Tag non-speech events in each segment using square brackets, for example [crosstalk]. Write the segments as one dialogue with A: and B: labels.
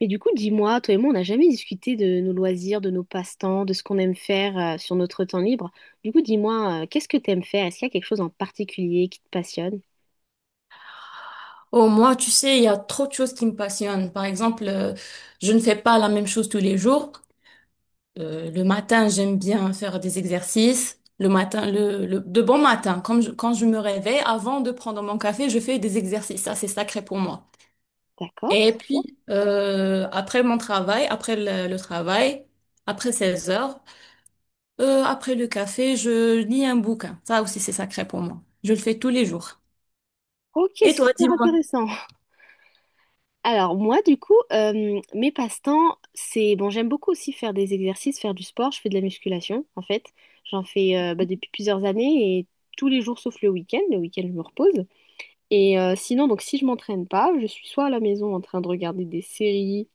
A: Et du coup, dis-moi, toi et moi, on n'a jamais discuté de nos loisirs, de nos passe-temps, de ce qu'on aime faire sur notre temps libre. Du coup, dis-moi, qu'est-ce que tu aimes faire? Est-ce qu'il y a quelque chose en particulier qui te passionne?
B: Oh, moi, tu sais, il y a trop de choses qui me passionnent. Par exemple, je ne fais pas la même chose tous les jours. Le matin, j'aime bien faire des exercices. Le matin, de bon matin, comme quand je me réveille, avant de prendre mon café, je fais des exercices. Ça, c'est sacré pour moi. Et
A: D'accord?
B: puis, après mon travail, après le travail, après 16 heures, après le café, je lis un bouquin. Ça aussi, c'est sacré pour moi. Je le fais tous les jours.
A: Ok, c'est
B: Et toi,
A: super
B: dis-moi.
A: intéressant. [laughs] Alors moi, du coup, mes passe-temps, c'est... Bon, j'aime beaucoup aussi faire des exercices, faire du sport. Je fais de la musculation, en fait. J'en fais bah, depuis plusieurs années et tous les jours sauf le week-end. Le week-end, je me repose. Et sinon, donc si je m'entraîne pas, je suis soit à la maison en train de regarder des séries.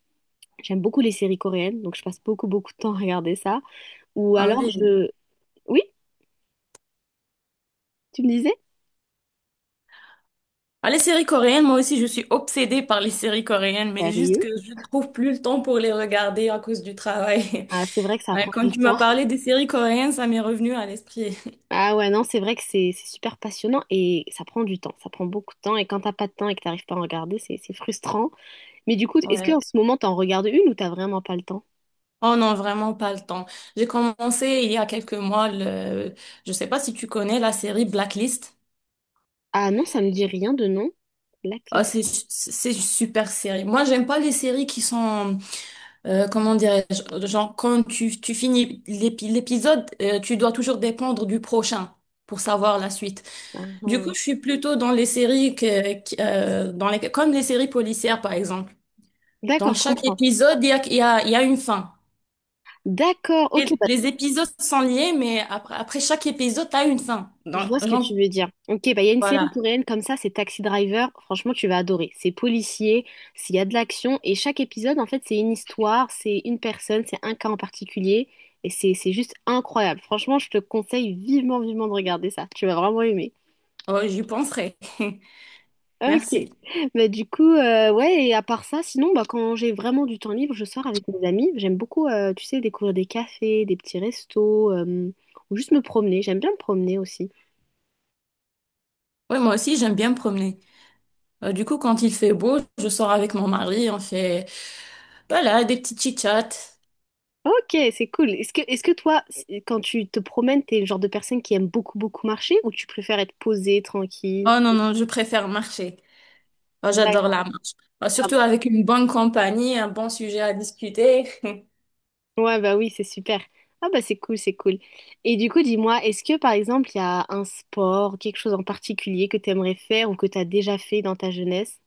A: J'aime beaucoup les séries coréennes, donc je passe beaucoup, beaucoup de temps à regarder ça. Ou
B: Ah
A: alors
B: oui.
A: je... Oui, tu me disais?
B: Ah, les séries coréennes, moi aussi, je suis obsédée par les séries coréennes, mais juste que
A: Sérieux?
B: je ne trouve plus le temps pour les regarder à cause du travail. [laughs]
A: Ah, c'est vrai que ça
B: Ouais,
A: prend
B: quand
A: du
B: tu m'as
A: temps.
B: parlé des séries coréennes, ça m'est revenu à l'esprit.
A: Ah ouais, non, c'est vrai que c'est super passionnant et ça prend du temps. Ça prend beaucoup de temps et quand t'as pas de temps et que t'arrives pas à en regarder, c'est frustrant. Mais du coup,
B: [laughs]
A: est-ce qu'en
B: Ouais.
A: ce moment, t'en regardes une ou t'as vraiment pas le temps?
B: Oh non, vraiment pas le temps. J'ai commencé il y a quelques mois je sais pas si tu connais la série Blacklist.
A: Ah non, ça me dit rien de non.
B: Ah,
A: Blacklist.
B: c'est une super série. Moi, j'aime pas les séries qui sont comment dirais-je, genre quand tu finis l'épisode, tu dois toujours dépendre du prochain pour savoir la suite.
A: Ah,
B: Du coup,
A: ah.
B: je suis plutôt dans les séries dans les, comme les séries policières, par exemple.
A: D'accord,
B: Dans
A: je
B: chaque
A: comprends.
B: épisode, il y a une fin.
A: D'accord, ok,
B: Et
A: bah,
B: les épisodes sont liés, mais après chaque épisode, tu as une fin.
A: je
B: Donc,
A: vois ce que
B: genre,
A: tu veux dire. Ok, bah il y a une série
B: voilà.
A: coréenne comme ça, c'est Taxi Driver. Franchement, tu vas adorer. C'est policier, s'il y a de l'action, et chaque épisode, en fait, c'est une histoire, c'est une personne, c'est un cas en particulier, et c'est juste incroyable. Franchement, je te conseille vivement, vivement de regarder ça. Tu vas vraiment aimer.
B: Oh, j'y penserai. [laughs]
A: Ok.
B: Merci.
A: Bah du coup, ouais. Et à part ça, sinon, bah quand j'ai vraiment du temps libre, je sors avec mes amis. J'aime beaucoup, tu sais, découvrir des cafés, des petits restos, ou juste me promener. J'aime bien me promener aussi.
B: Oui, moi aussi, j'aime bien me promener. Du coup, quand il fait beau, je sors avec mon mari, on fait, voilà, des petits chit-chats.
A: Ok, c'est cool. Est-ce que toi, quand tu te promènes, t'es le genre de personne qui aime beaucoup, beaucoup marcher ou tu préfères être posée, tranquille?
B: Oh non, non, je préfère marcher. Oh, j'adore
A: D'accord.
B: la marche. Oh,
A: Ah bah.
B: surtout avec une bonne compagnie, un bon sujet à discuter. [laughs]
A: Ouais, bah oui, c'est super. Ah bah c'est cool, c'est cool. Et du coup, dis-moi, est-ce que par exemple, il y a un sport, quelque chose en particulier que tu aimerais faire ou que tu as déjà fait dans ta jeunesse?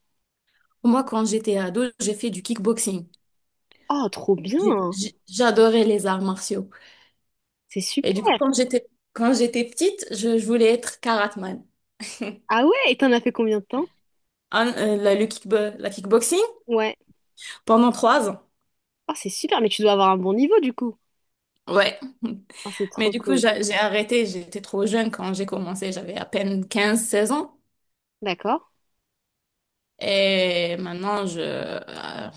B: Moi, quand j'étais ado, j'ai fait du kickboxing.
A: Oh, trop bien!
B: J'adorais les arts martiaux.
A: C'est
B: Et
A: super!
B: du coup, quand j'étais petite, je voulais être karateman.
A: Ah ouais, et t'en as fait combien de temps?
B: La kickboxing
A: Ouais.
B: pendant 3 ans.
A: Oh, c'est super, mais tu dois avoir un bon niveau du coup.
B: Ouais.
A: Oh, c'est
B: [laughs] Mais
A: trop
B: du coup,
A: cool.
B: j'ai arrêté. J'étais trop jeune quand j'ai commencé. J'avais à peine 15 16 ans.
A: D'accord.
B: Et maintenant,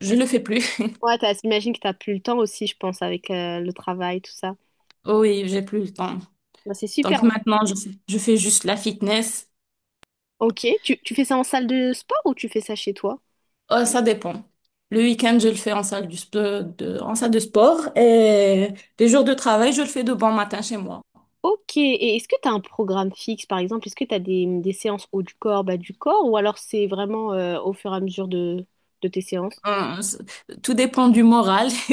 B: je le fais plus. [laughs]
A: Ouais, j'imagine que t'as plus le temps aussi, je pense, avec le travail, tout ça.
B: Oui, j'ai plus le temps.
A: Bah, c'est
B: Donc
A: super.
B: maintenant, je fais juste la fitness.
A: Ok, tu fais ça en salle de sport ou tu fais ça chez toi?
B: Ça dépend. Le week-end, je le fais en salle de sport et les jours de travail, je le fais de bon matin chez moi.
A: Ok, et est-ce que tu as un programme fixe, par exemple? Est-ce que tu as des séances haut du corps, bas du corps, ou alors c'est vraiment au fur et à mesure de tes séances?
B: Hum, c- Tout dépend du moral [laughs]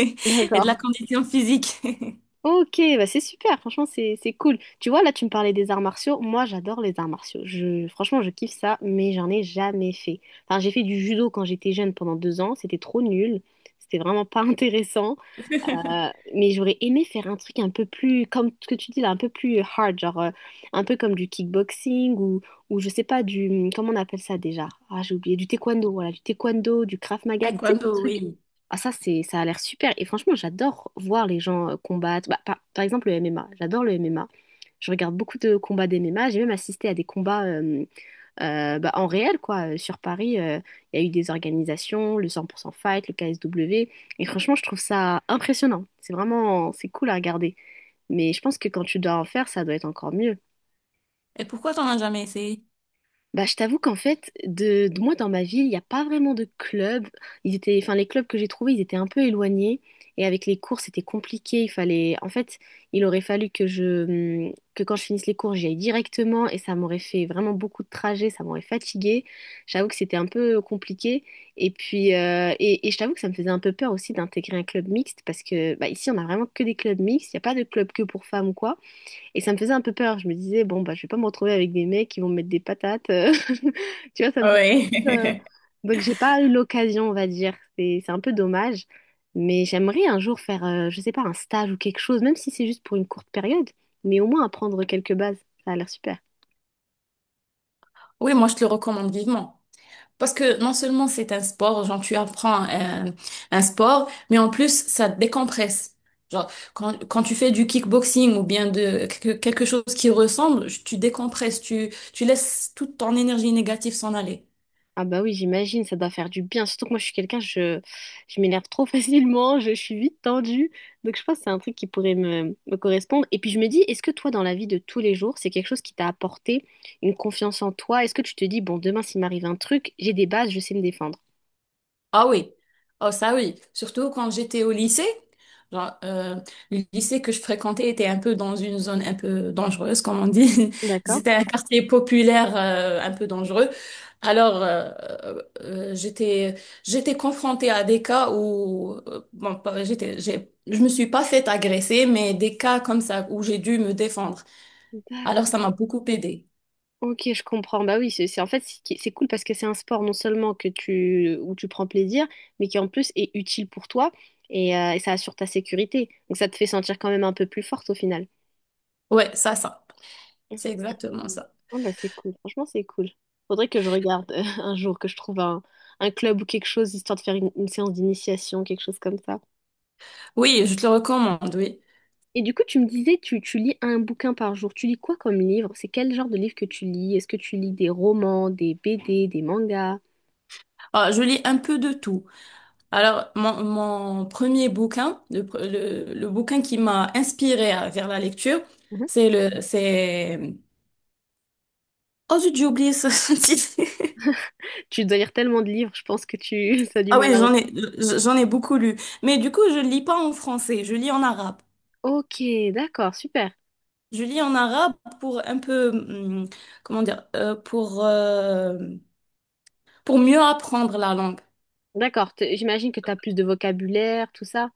B: et de la
A: D'accord.
B: condition physique. [laughs]
A: Ok, bah c'est super, franchement c'est cool. Tu vois, là tu me parlais des arts martiaux, moi j'adore les arts martiaux. Je, franchement je kiffe ça, mais j'en ai jamais fait. Enfin j'ai fait du judo quand j'étais jeune pendant deux ans, c'était trop nul, c'était vraiment pas [laughs] intéressant. Euh, mais j'aurais aimé faire un truc un peu plus, comme ce que tu dis là, un peu plus hard, genre un peu comme du kickboxing ou je sais pas, comment on appelle ça déjà? Ah, j'ai oublié, du taekwondo, voilà, du taekwondo, du Krav Maga. Tu sais.
B: Taekwondo, oui.
A: Ah, ça, c'est, ça a l'air super. Et franchement, j'adore voir les gens combattre. Bah, par exemple, le MMA, j'adore le MMA. Je regarde beaucoup de combats d'MMA, j'ai même assisté à des combats bah, en réel, quoi. Sur Paris, il y a eu des organisations, le 100% Fight, le KSW. Et franchement, je trouve ça impressionnant. C'est vraiment, c'est cool à regarder. Mais je pense que quand tu dois en faire, ça doit être encore mieux.
B: Et pourquoi t'en as jamais essayé?
A: Bah, je t'avoue qu'en fait, moi dans ma ville, il n'y a pas vraiment de club. Ils étaient, enfin, les clubs que j'ai trouvés, ils étaient un peu éloignés. Et avec les cours, c'était compliqué. Il fallait, en fait, il aurait fallu que je, hmm, que quand je finisse les cours, j'y aille directement. Et ça m'aurait fait vraiment beaucoup de trajets. Ça m'aurait fatiguée. J'avoue que c'était un peu compliqué. Et puis, et je t'avoue que ça me faisait un peu peur aussi d'intégrer un club mixte parce que, bah, ici, on a vraiment que des clubs mixtes. Il n'y a pas de club que pour femmes ou quoi. Et ça me faisait un peu peur. Je me disais, bon, bah, je vais pas me retrouver avec des mecs qui vont me mettre des patates. [laughs] Tu vois, ça me faisait
B: Oui.
A: un
B: [laughs]
A: peu, donc, j'ai pas eu l'occasion, on va dire. C'est un peu dommage. Mais j'aimerais un jour faire, je sais pas, un stage ou quelque chose, même si c'est juste pour une courte période, mais au moins apprendre quelques bases. Ça a l'air super.
B: Oui, moi, je te le recommande vivement. Parce que non seulement c'est un sport, genre tu apprends un sport, mais en plus ça te décompresse. Genre quand tu fais du kickboxing ou bien de quelque chose qui ressemble, tu décompresses, tu laisses toute ton énergie négative s'en aller.
A: Ah bah oui, j'imagine, ça doit faire du bien. Surtout que moi, je suis quelqu'un, je m'énerve trop [laughs] facilement, je, suis vite tendue. Donc je pense que c'est un truc qui pourrait me correspondre. Et puis je me dis, est-ce que toi, dans la vie de tous les jours, c'est quelque chose qui t'a apporté une confiance en toi? Est-ce que tu te dis, bon, demain, s'il m'arrive un truc, j'ai des bases, je sais me défendre?
B: Ah oui, oh ça oui, surtout quand j'étais au lycée. Genre, le lycée que je fréquentais était un peu dans une zone un peu dangereuse, comme on dit. [laughs]
A: D'accord.
B: C'était un quartier populaire, un peu dangereux. Alors, euh, j'étais j'étais confrontée à des cas où bon, pas- j'étais j'ai je me suis pas faite agresser, mais des cas comme ça où j'ai dû me défendre. Alors, ça m'a
A: D'accord.
B: beaucoup aidée.
A: Ok, je comprends. Bah oui, en fait c'est cool parce que c'est un sport non seulement que tu où tu prends plaisir, mais qui en plus est utile pour toi et ça assure ta sécurité. Donc ça te fait sentir quand même un peu plus forte au final.
B: Ouais, c'est
A: Ok.
B: exactement ça.
A: Oh, bah, c'est cool. Franchement, c'est cool. Faudrait que je regarde [laughs] un jour, que je trouve un club ou quelque chose, histoire de faire une séance d'initiation, quelque chose comme ça.
B: Oui, je te le recommande. Oui.
A: Et du coup, tu me disais, tu lis un bouquin par jour. Tu lis quoi comme livre? C'est quel genre de livre que tu lis? Est-ce que tu lis des romans, des BD, des mangas?
B: Ah, je lis un peu de tout. Alors, mon premier bouquin, le bouquin qui m'a inspiré vers la lecture,
A: Mhm.
B: c'est oh zut, j'ai oublié ce [laughs] titre.
A: Tu dois lire tellement de livres, je pense que tu [laughs] ça a du
B: Ah
A: mal
B: oui,
A: à...
B: j'en ai beaucoup lu. Mais du coup, je lis pas en français, je lis en arabe.
A: Ok, d'accord, super.
B: Je lis en arabe pour un peu, comment dire, pour mieux apprendre la langue.
A: D'accord, j'imagine que tu as plus de vocabulaire, tout ça.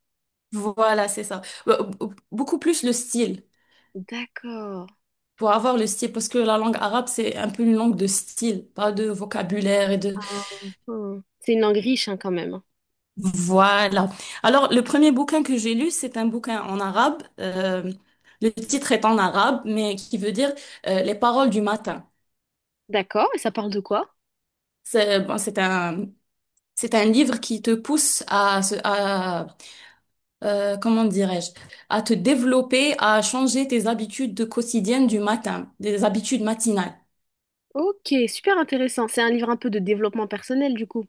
B: Voilà, c'est ça. Beaucoup plus le style,
A: D'accord.
B: pour avoir le style, parce que la langue arabe, c'est un peu une langue de style, pas de vocabulaire et de.
A: Ah. C'est une langue riche hein, quand même.
B: Voilà. Alors, le premier bouquin que j'ai lu, c'est un bouquin en arabe. Le titre est en arabe, mais qui veut dire Les paroles du matin.
A: D'accord, et ça parle de quoi?
B: C'est bon, c'est un livre qui te pousse à comment dirais-je, à te développer, à changer tes habitudes de quotidiennes du matin, des habitudes matinales.
A: Ok, super intéressant. C'est un livre un peu de développement personnel, du coup.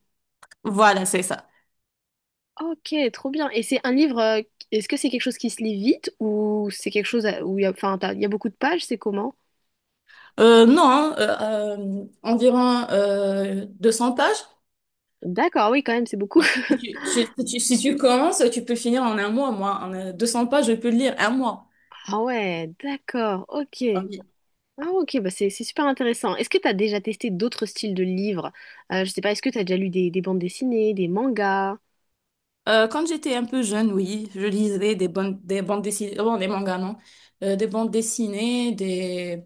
B: Voilà, c'est ça.
A: Ok, trop bien. Et c'est un livre, est-ce que c'est quelque chose qui se lit vite ou c'est quelque chose où il y a, enfin, il y a beaucoup de pages, c'est comment?
B: Non, hein, environ 200 pages.
A: D'accord, oui, quand même, c'est beaucoup. [laughs]
B: Si tu commences, tu peux finir en un mois, moi. En 200 pages, je peux le lire un mois.
A: Ah ouais, d'accord, ok.
B: Ah oui.
A: Ah ok, bah c'est super intéressant. Est-ce que tu as déjà testé d'autres styles de livres? Je sais pas, est-ce que tu as déjà lu des bandes dessinées, des mangas?
B: Quand j'étais un peu jeune, oui, je lisais des bandes dessinées, bon, des mangas, non. Des bandes dessinées, des.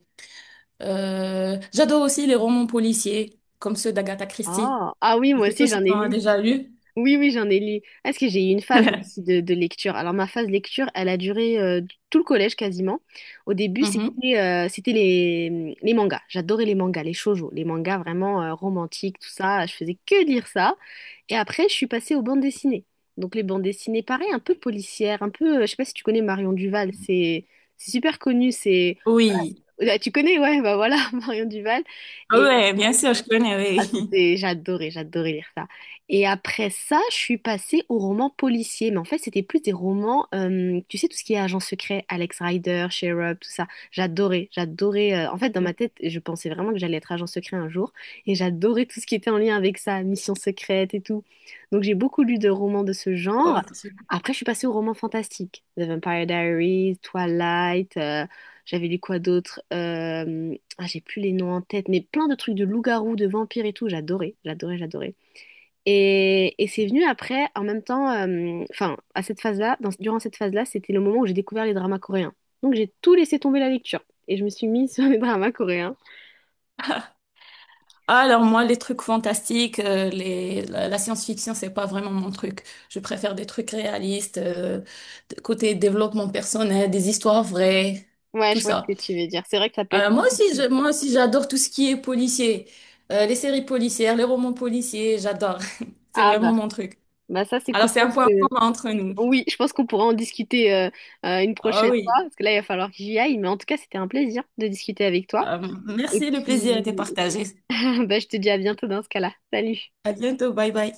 B: J'adore aussi les romans policiers, comme ceux d'Agatha Christie.
A: Ah, ah oui,
B: Je ne
A: moi
B: sais pas
A: aussi,
B: si
A: j'en
B: tu
A: ai
B: en as
A: lu.
B: déjà lu.
A: Oui, oui, j'en ai lu. Ah, parce que j'ai eu une phase moi aussi
B: [laughs]
A: de lecture. Alors ma phase lecture, elle a duré tout le collège quasiment. Au début,
B: Mhm.
A: c'était c'était les mangas. J'adorais les mangas, les shoujo, les mangas vraiment romantiques, tout ça. Je faisais que lire ça. Et après, je suis passée aux bandes dessinées. Donc les bandes dessinées, pareil, un peu policières, un peu. Je sais pas si tu connais Marion Duval. C'est super connu. C'est.
B: Oui.
A: Ah, tu connais, ouais, bah voilà, [laughs] Marion Duval.
B: Ah ouais, bien sûr, je connais,
A: Ah,
B: oui. [laughs]
A: c'était, j'adorais, j'adorais lire ça. Et après ça, je suis passée aux romans policiers. Mais en fait, c'était plus des romans, tu sais, tout ce qui est agent secret, Alex Rider, Sherlock, tout ça. J'adorais, j'adorais. En fait, dans ma tête, je pensais vraiment que j'allais être agent secret un jour. Et j'adorais tout ce qui était en lien avec ça, Mission secrète et tout. Donc, j'ai beaucoup lu de romans de ce
B: Oh,
A: genre.
B: c'est super.
A: Après, je suis passée aux romans fantastiques. The Vampire Diaries, Twilight, j'avais lu quoi d'autre? Ah, j'ai plus les noms en tête, mais plein de trucs de loups-garous, de vampires et tout, j'adorais, j'adorais, j'adorais. Et c'est venu après, en même temps, enfin, à cette phase-là, durant cette phase-là, c'était le moment où j'ai découvert les dramas coréens. Donc j'ai tout laissé tomber la lecture et je me suis mise [laughs] sur les dramas coréens.
B: Alors moi, les trucs fantastiques, la science-fiction, c'est pas vraiment mon truc. Je préfère des trucs réalistes, côté développement personnel, des histoires vraies,
A: Ouais,
B: tout
A: je vois ce
B: ça.
A: que tu veux dire. C'est vrai que ça peut être...
B: Moi aussi, j'adore tout ce qui est policier. Les séries policières, les romans policiers, j'adore. [laughs] C'est
A: Ah bah,
B: vraiment mon truc.
A: bah ça c'est
B: Alors
A: cool. Je
B: c'est un
A: pense
B: point
A: que...
B: commun entre nous.
A: Oui, je pense qu'on pourra en discuter une
B: Ah
A: prochaine fois,
B: oui.
A: parce que là, il va falloir que j'y aille. Mais en tout cas, c'était un plaisir de discuter avec toi.
B: Euh,
A: Et
B: merci, le plaisir était
A: puis,
B: partagé.
A: [laughs] bah, je te dis à bientôt dans ce cas-là. Salut.
B: À bientôt, bye bye.